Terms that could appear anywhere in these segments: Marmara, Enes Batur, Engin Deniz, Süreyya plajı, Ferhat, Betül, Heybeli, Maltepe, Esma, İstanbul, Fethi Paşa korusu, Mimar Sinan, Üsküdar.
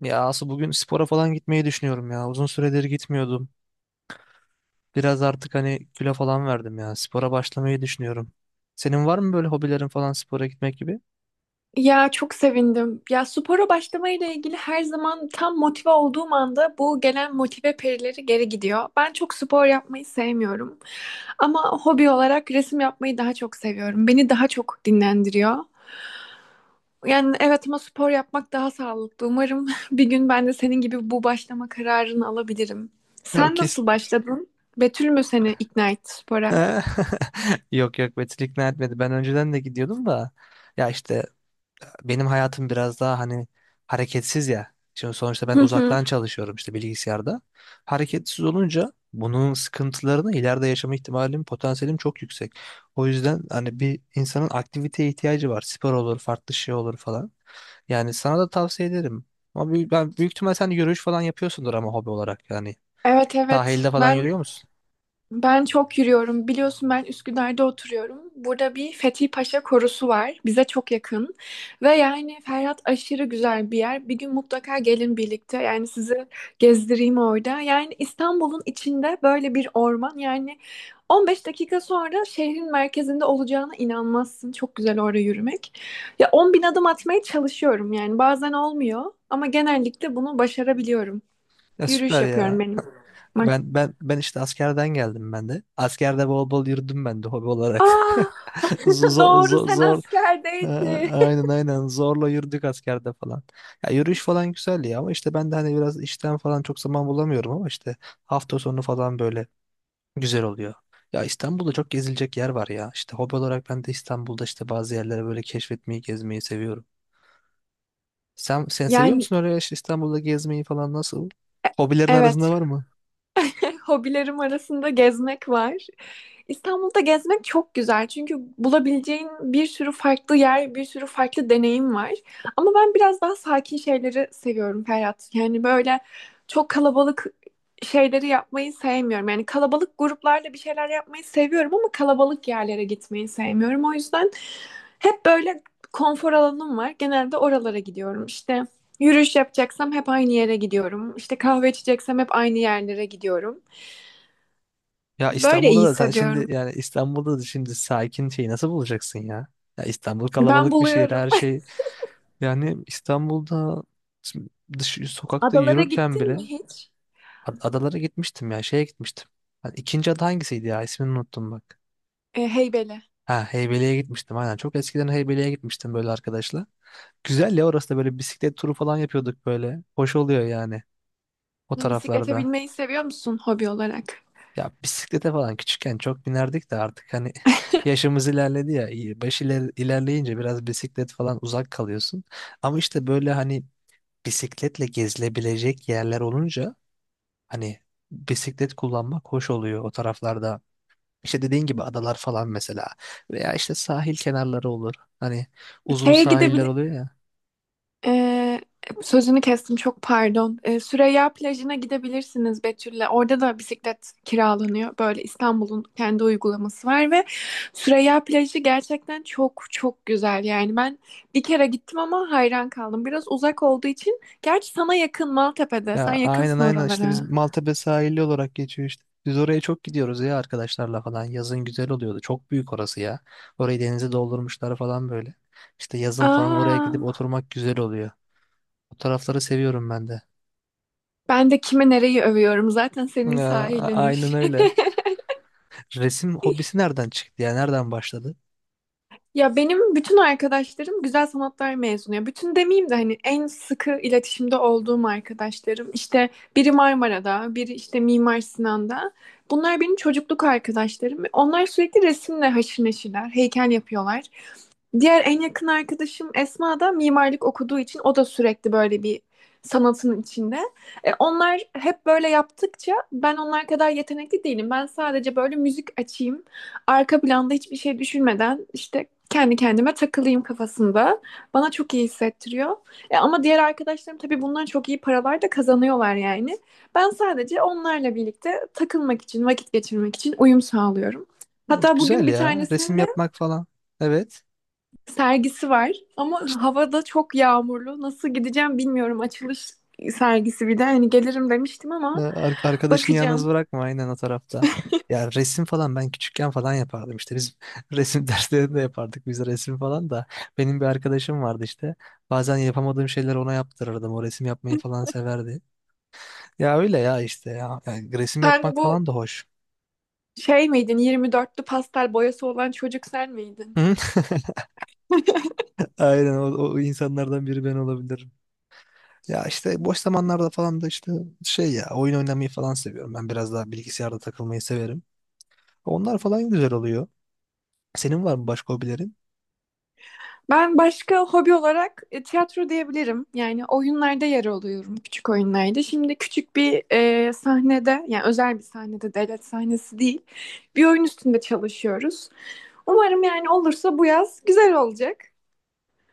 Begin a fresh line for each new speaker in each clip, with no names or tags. Ya Asu bugün spora falan gitmeyi düşünüyorum ya. Uzun süredir gitmiyordum. Biraz artık hani kilo falan verdim ya. Spora başlamayı düşünüyorum. Senin var mı böyle hobilerin falan spora gitmek gibi?
Ya çok sevindim. Ya spora başlamayla ilgili her zaman tam motive olduğum anda bu gelen motive perileri geri gidiyor. Ben çok spor yapmayı sevmiyorum. Ama hobi olarak resim yapmayı daha çok seviyorum. Beni daha çok dinlendiriyor. Yani evet ama spor yapmak daha sağlıklı. Umarım bir gün ben de senin gibi bu başlama kararını alabilirim.
Ya
Sen
kes.
nasıl başladın? Betül mü seni ikna etti spora?
Yok yok Betül ikna etmedi. Ben önceden de gidiyordum da. Ya işte benim hayatım biraz daha hani hareketsiz ya. Şimdi sonuçta ben
Hı hı.
uzaktan çalışıyorum işte bilgisayarda. Hareketsiz olunca bunun sıkıntılarını ileride yaşama ihtimalim, potansiyelim çok yüksek. O yüzden hani bir insanın aktiviteye ihtiyacı var. Spor olur, farklı şey olur falan. Yani sana da tavsiye ederim. Ben büyük ihtimal sen yürüyüş falan yapıyorsundur ama hobi olarak yani.
Evet evet.
Sahilde falan
Ben
yürüyor musun?
Ben çok yürüyorum. Biliyorsun ben Üsküdar'da oturuyorum. Burada bir Fethi Paşa korusu var. Bize çok yakın. Ve yani Ferhat aşırı güzel bir yer. Bir gün mutlaka gelin birlikte. Yani sizi gezdireyim orada. Yani İstanbul'un içinde böyle bir orman. Yani 15 dakika sonra şehrin merkezinde olacağına inanmazsın. Çok güzel orada yürümek. Ya 10 bin adım atmaya çalışıyorum. Yani bazen olmuyor. Ama genellikle bunu başarabiliyorum.
Ya
Yürüyüş
süper ya.
yapıyorum benim. Max.
Ben işte askerden geldim ben de. Askerde bol bol yürüdüm ben de hobi olarak.
Aa!
Zor
Doğru,
zor,
sen
zor, Ee,
askerdeydin.
aynen aynen zorla yürüdük askerde falan. Ya yürüyüş falan güzel ya ama işte ben de hani biraz işten falan çok zaman bulamıyorum ama işte hafta sonu falan böyle güzel oluyor. Ya İstanbul'da çok gezilecek yer var ya. İşte hobi olarak ben de İstanbul'da işte bazı yerlere böyle keşfetmeyi, gezmeyi seviyorum. Sen seviyor
Yani
musun öyle işte İstanbul'da gezmeyi falan nasıl?
e-
Hobilerin
evet.
arasında var mı?
Hobilerim arasında gezmek var. İstanbul'da gezmek çok güzel çünkü bulabileceğin bir sürü farklı yer, bir sürü farklı deneyim var. Ama ben biraz daha sakin şeyleri seviyorum Ferhat. Yani böyle çok kalabalık şeyleri yapmayı sevmiyorum. Yani kalabalık gruplarla bir şeyler yapmayı seviyorum ama kalabalık yerlere gitmeyi sevmiyorum. O yüzden hep böyle konfor alanım var. Genelde oralara gidiyorum. İşte yürüyüş yapacaksam hep aynı yere gidiyorum. İşte kahve içeceksem hep aynı yerlere gidiyorum.
Ya
Böyle iyi
İstanbul'da da sen şimdi
hissediyorum.
yani İstanbul'da da şimdi sakin şeyi nasıl bulacaksın ya? Ya İstanbul
Ben
kalabalık bir şehir
buluyorum.
her şey. Yani İstanbul'da dış sokakta
Adalara
yürürken
gittin mi
bile
hiç?
adalara gitmiştim ya şeye gitmiştim. Hani ikinci ada hangisiydi ya ismini unuttum bak.
Heybeli.
Ha, Heybeli'ye gitmiştim aynen, çok eskiden Heybeli'ye gitmiştim böyle arkadaşla. Güzel ya, orası da böyle bisiklet turu falan yapıyorduk böyle. Hoş oluyor yani o
Bisiklete
taraflarda.
binmeyi seviyor musun hobi olarak?
Ya bisiklete falan küçükken çok binerdik de artık hani yaşımız ilerledi ya. İlerleyince biraz bisiklet falan uzak kalıyorsun. Ama işte böyle hani bisikletle gezilebilecek yerler olunca hani bisiklet kullanmak hoş oluyor o taraflarda. İşte dediğin gibi adalar falan mesela veya işte sahil kenarları olur. Hani uzun
Şeye
sahiller
gidebilir...
oluyor ya.
E, Sözünü kestim çok pardon. Süreyya plajına gidebilirsiniz Betül'le. Orada da bisiklet kiralanıyor. Böyle İstanbul'un kendi uygulaması var ve Süreyya plajı gerçekten çok çok güzel. Yani ben bir kere gittim ama hayran kaldım. Biraz uzak olduğu için. Gerçi sana yakın Maltepe'de.
Ya
Sen
aynen
yakınsın
aynen işte biz
oralara.
Maltepe sahili olarak geçiyor işte. Biz oraya çok gidiyoruz ya arkadaşlarla falan. Yazın güzel oluyordu. Çok büyük orası ya. Orayı denize doldurmuşlar falan böyle. İşte yazın falan oraya
Aa.
gidip oturmak güzel oluyor. O tarafları seviyorum ben de.
Ben de kime nereyi övüyorum zaten senin
Ya,
sahilinmiş.
aynen öyle. Resim hobisi nereden çıktı ya? Nereden başladı?
Ya benim bütün arkadaşlarım güzel sanatlar mezunu. Ya bütün demeyeyim de hani en sıkı iletişimde olduğum arkadaşlarım. İşte biri Marmara'da, biri işte Mimar Sinan'da. Bunlar benim çocukluk arkadaşlarım. Onlar sürekli resimle haşır neşirler, heykel yapıyorlar. Diğer en yakın arkadaşım Esma da mimarlık okuduğu için o da sürekli böyle bir sanatın içinde. Onlar hep böyle yaptıkça ben onlar kadar yetenekli değilim. Ben sadece böyle müzik açayım, arka planda hiçbir şey düşünmeden işte kendi kendime takılayım kafasında. Bana çok iyi hissettiriyor. Ama diğer arkadaşlarım tabii bundan çok iyi paralar da kazanıyorlar yani. Ben sadece onlarla birlikte takılmak için, vakit geçirmek için uyum sağlıyorum. Hatta bugün
Güzel
bir
ya.
tanesinin
Resim
de
yapmak falan. Evet.
sergisi var ama havada çok yağmurlu. Nasıl gideceğim bilmiyorum. Açılış sergisi bir de hani gelirim demiştim ama
Arkadaşını yalnız
bakacağım.
bırakma aynen o tarafta. Ya resim falan ben küçükken falan yapardım işte biz resim derslerinde yapardık, biz resim falan da benim bir arkadaşım vardı işte, bazen yapamadığım şeyleri ona yaptırırdım, o resim yapmayı falan severdi. Ya öyle ya işte ya. Yani resim
Sen
yapmak falan
bu
da hoş.
şey miydin? 24'lü pastel boyası olan çocuk sen miydin?
Hı? Aynen o, o insanlardan biri ben olabilirim. Ya işte boş zamanlarda falan da işte şey ya, oyun oynamayı falan seviyorum, ben biraz daha bilgisayarda takılmayı severim. Onlar falan güzel oluyor. Senin var mı başka hobilerin?
Ben başka hobi olarak tiyatro diyebilirim. Yani oyunlarda yer alıyorum, küçük oyunlarda. Şimdi küçük bir sahnede, yani özel bir sahnede, devlet sahnesi değil, bir oyun üstünde çalışıyoruz. Umarım yani olursa bu yaz güzel olacak.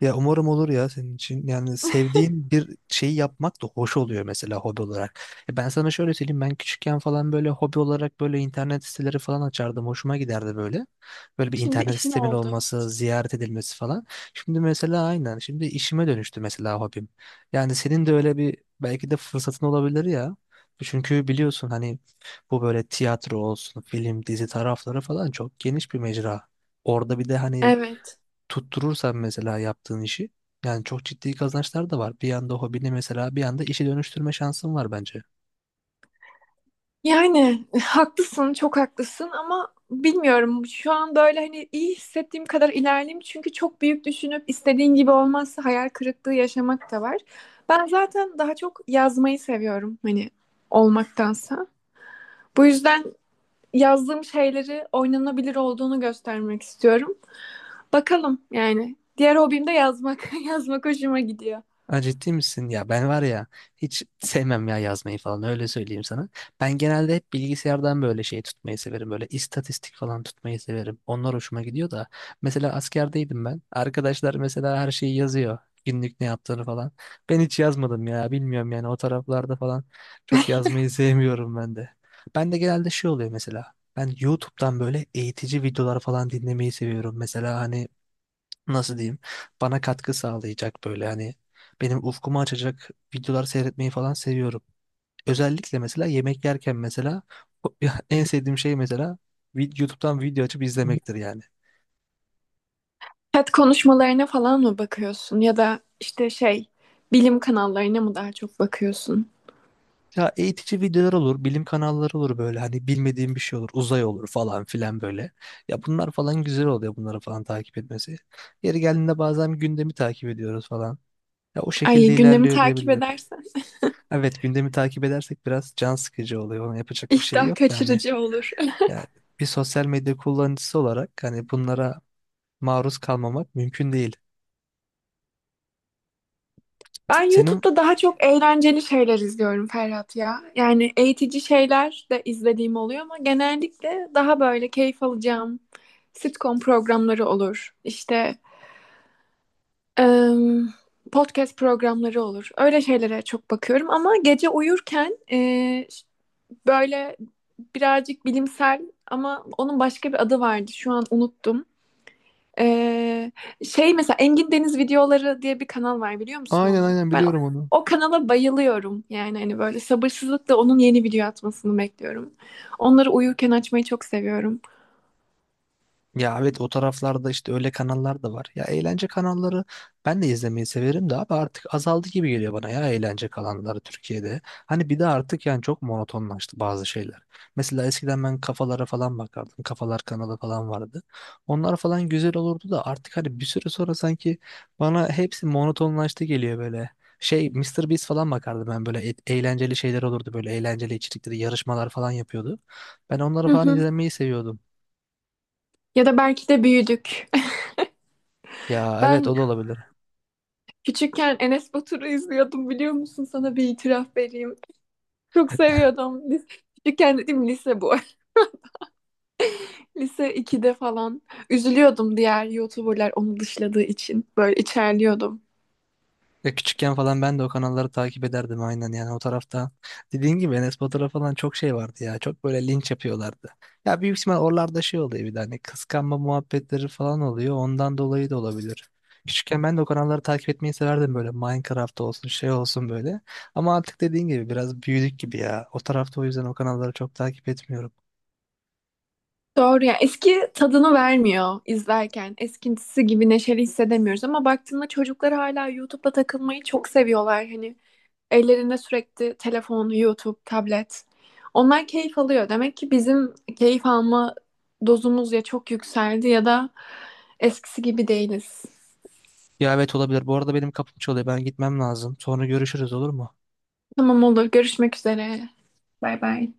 Ya umarım olur ya senin için. Yani sevdiğin bir şeyi yapmak da hoş oluyor mesela hobi olarak. E, ben sana şöyle söyleyeyim, ben küçükken falan böyle hobi olarak böyle internet siteleri falan açardım. Hoşuma giderdi böyle. Böyle bir
Şimdi
internet
işin
sistemin
oldu.
olması, ziyaret edilmesi falan. Şimdi mesela aynen şimdi işime dönüştü mesela hobim. Yani senin de öyle bir belki de fırsatın olabilir ya. Çünkü biliyorsun hani bu böyle tiyatro olsun, film, dizi tarafları falan çok geniş bir mecra. Orada bir de hani
Evet.
tutturursan mesela yaptığın işi, yani çok ciddi kazançlar da var. Bir yanda hobini mesela, bir yanda işe dönüştürme şansın var bence.
Yani haklısın, çok haklısın ama bilmiyorum. Şu an böyle hani iyi hissettiğim kadar ilerleyeyim. Çünkü çok büyük düşünüp istediğin gibi olmazsa hayal kırıklığı yaşamak da var. Ben zaten daha çok yazmayı seviyorum hani olmaktansa. Bu yüzden yazdığım şeyleri oynanabilir olduğunu göstermek istiyorum. Bakalım yani. Diğer hobim de yazmak. Yazmak hoşuma gidiyor.
Ha, ciddi misin? Ya ben var ya, hiç sevmem ya yazmayı falan, öyle söyleyeyim sana. Ben genelde hep bilgisayardan böyle şey tutmayı severim. Böyle istatistik falan tutmayı severim. Onlar hoşuma gidiyor da. Mesela askerdeydim ben. Arkadaşlar mesela her şeyi yazıyor. Günlük ne yaptığını falan. Ben hiç yazmadım ya, bilmiyorum yani, o taraflarda falan çok yazmayı sevmiyorum ben de. Ben de genelde şey oluyor mesela. Ben YouTube'dan böyle eğitici videolar falan dinlemeyi seviyorum. Mesela hani nasıl diyeyim, bana katkı sağlayacak böyle hani benim ufkumu açacak videolar seyretmeyi falan seviyorum. Özellikle mesela yemek yerken mesela o- en sevdiğim şey mesela YouTube'dan video açıp izlemektir yani.
TED konuşmalarına falan mı bakıyorsun ya da işte şey bilim kanallarına mı daha çok bakıyorsun?
Ya eğitici videolar olur, bilim kanalları olur, böyle hani bilmediğim bir şey olur, uzay olur falan filan böyle. Ya bunlar falan güzel oluyor bunları falan takip etmesi. Yeri geldiğinde bazen gündemi takip ediyoruz falan. Ya o
Ay
şekilde
gündemi
ilerliyor
takip
diyebilirim.
edersen
Evet, gündemi takip edersek biraz can sıkıcı oluyor. Ona yapacak bir şey
iştah
yok da hani.
kaçırıcı olur.
Yani bir sosyal medya kullanıcısı olarak hani bunlara maruz kalmamak mümkün değil.
Ben
Senin
YouTube'da daha çok eğlenceli şeyler izliyorum Ferhat ya. Yani eğitici şeyler de izlediğim oluyor ama genellikle daha böyle keyif alacağım sitcom programları olur. İşte em, podcast programları olur. Öyle şeylere çok bakıyorum ama gece uyurken böyle birazcık bilimsel ama onun başka bir adı vardı. Şu an unuttum. Ee, Şey mesela Engin Deniz videoları diye bir kanal var biliyor musun
aynen
onu?
aynen
Ben o,
biliyorum onu.
o kanala bayılıyorum. Yani hani böyle sabırsızlıkla onun yeni video atmasını bekliyorum. Onları uyurken açmayı çok seviyorum.
Ya evet o taraflarda işte öyle kanallar da var. Ya eğlence kanalları ben de izlemeyi severim de abi artık azaldı gibi geliyor bana, ya eğlence kanalları Türkiye'de. Hani bir de artık yani çok monotonlaştı bazı şeyler. Mesela eskiden ben kafalara falan bakardım. Kafalar kanalı falan vardı. Onlar falan güzel olurdu da artık hani bir süre sonra sanki bana hepsi monotonlaştı geliyor böyle. Şey Mister Beast falan bakardım ben böyle eğlenceli şeyler olurdu, böyle eğlenceli içerikleri, yarışmalar falan yapıyordu. Ben onları
Hı
falan
hı.
izlemeyi seviyordum.
Ya da belki de büyüdük.
Ya evet
Ben
o da olabilir.
küçükken Enes Batur'u izliyordum biliyor musun? Sana bir itiraf vereyim. Çok seviyordum. Küçükken dedim lise bu. Lise ikide falan üzülüyordum diğer YouTuber'lar onu dışladığı için. Böyle içerliyordum.
Ya küçükken falan ben de o kanalları takip ederdim aynen yani o tarafta. Dediğin gibi Enes Batur'a falan çok şey vardı ya. Çok böyle linç yapıyorlardı. Ya büyük ihtimal oralarda şey oluyor, bir de hani kıskanma muhabbetleri falan oluyor. Ondan dolayı da olabilir. Küçükken ben de o kanalları takip etmeyi severdim, böyle Minecraft olsun, şey olsun böyle. Ama artık dediğin gibi biraz büyüdük gibi ya. O tarafta o yüzden o kanalları çok takip etmiyorum.
Doğru ya. Eski tadını vermiyor izlerken. Eskisi gibi neşeli hissedemiyoruz ama baktığında çocuklar hala YouTube'da takılmayı çok seviyorlar. Hani ellerinde sürekli telefon, YouTube, tablet. Onlar keyif alıyor. Demek ki bizim keyif alma dozumuz ya çok yükseldi ya da eskisi gibi değiliz.
Ya evet olabilir. Bu arada benim kapım çalıyor. Ben gitmem lazım. Sonra görüşürüz olur mu?
Tamam olur. Görüşmek üzere. Bay bay.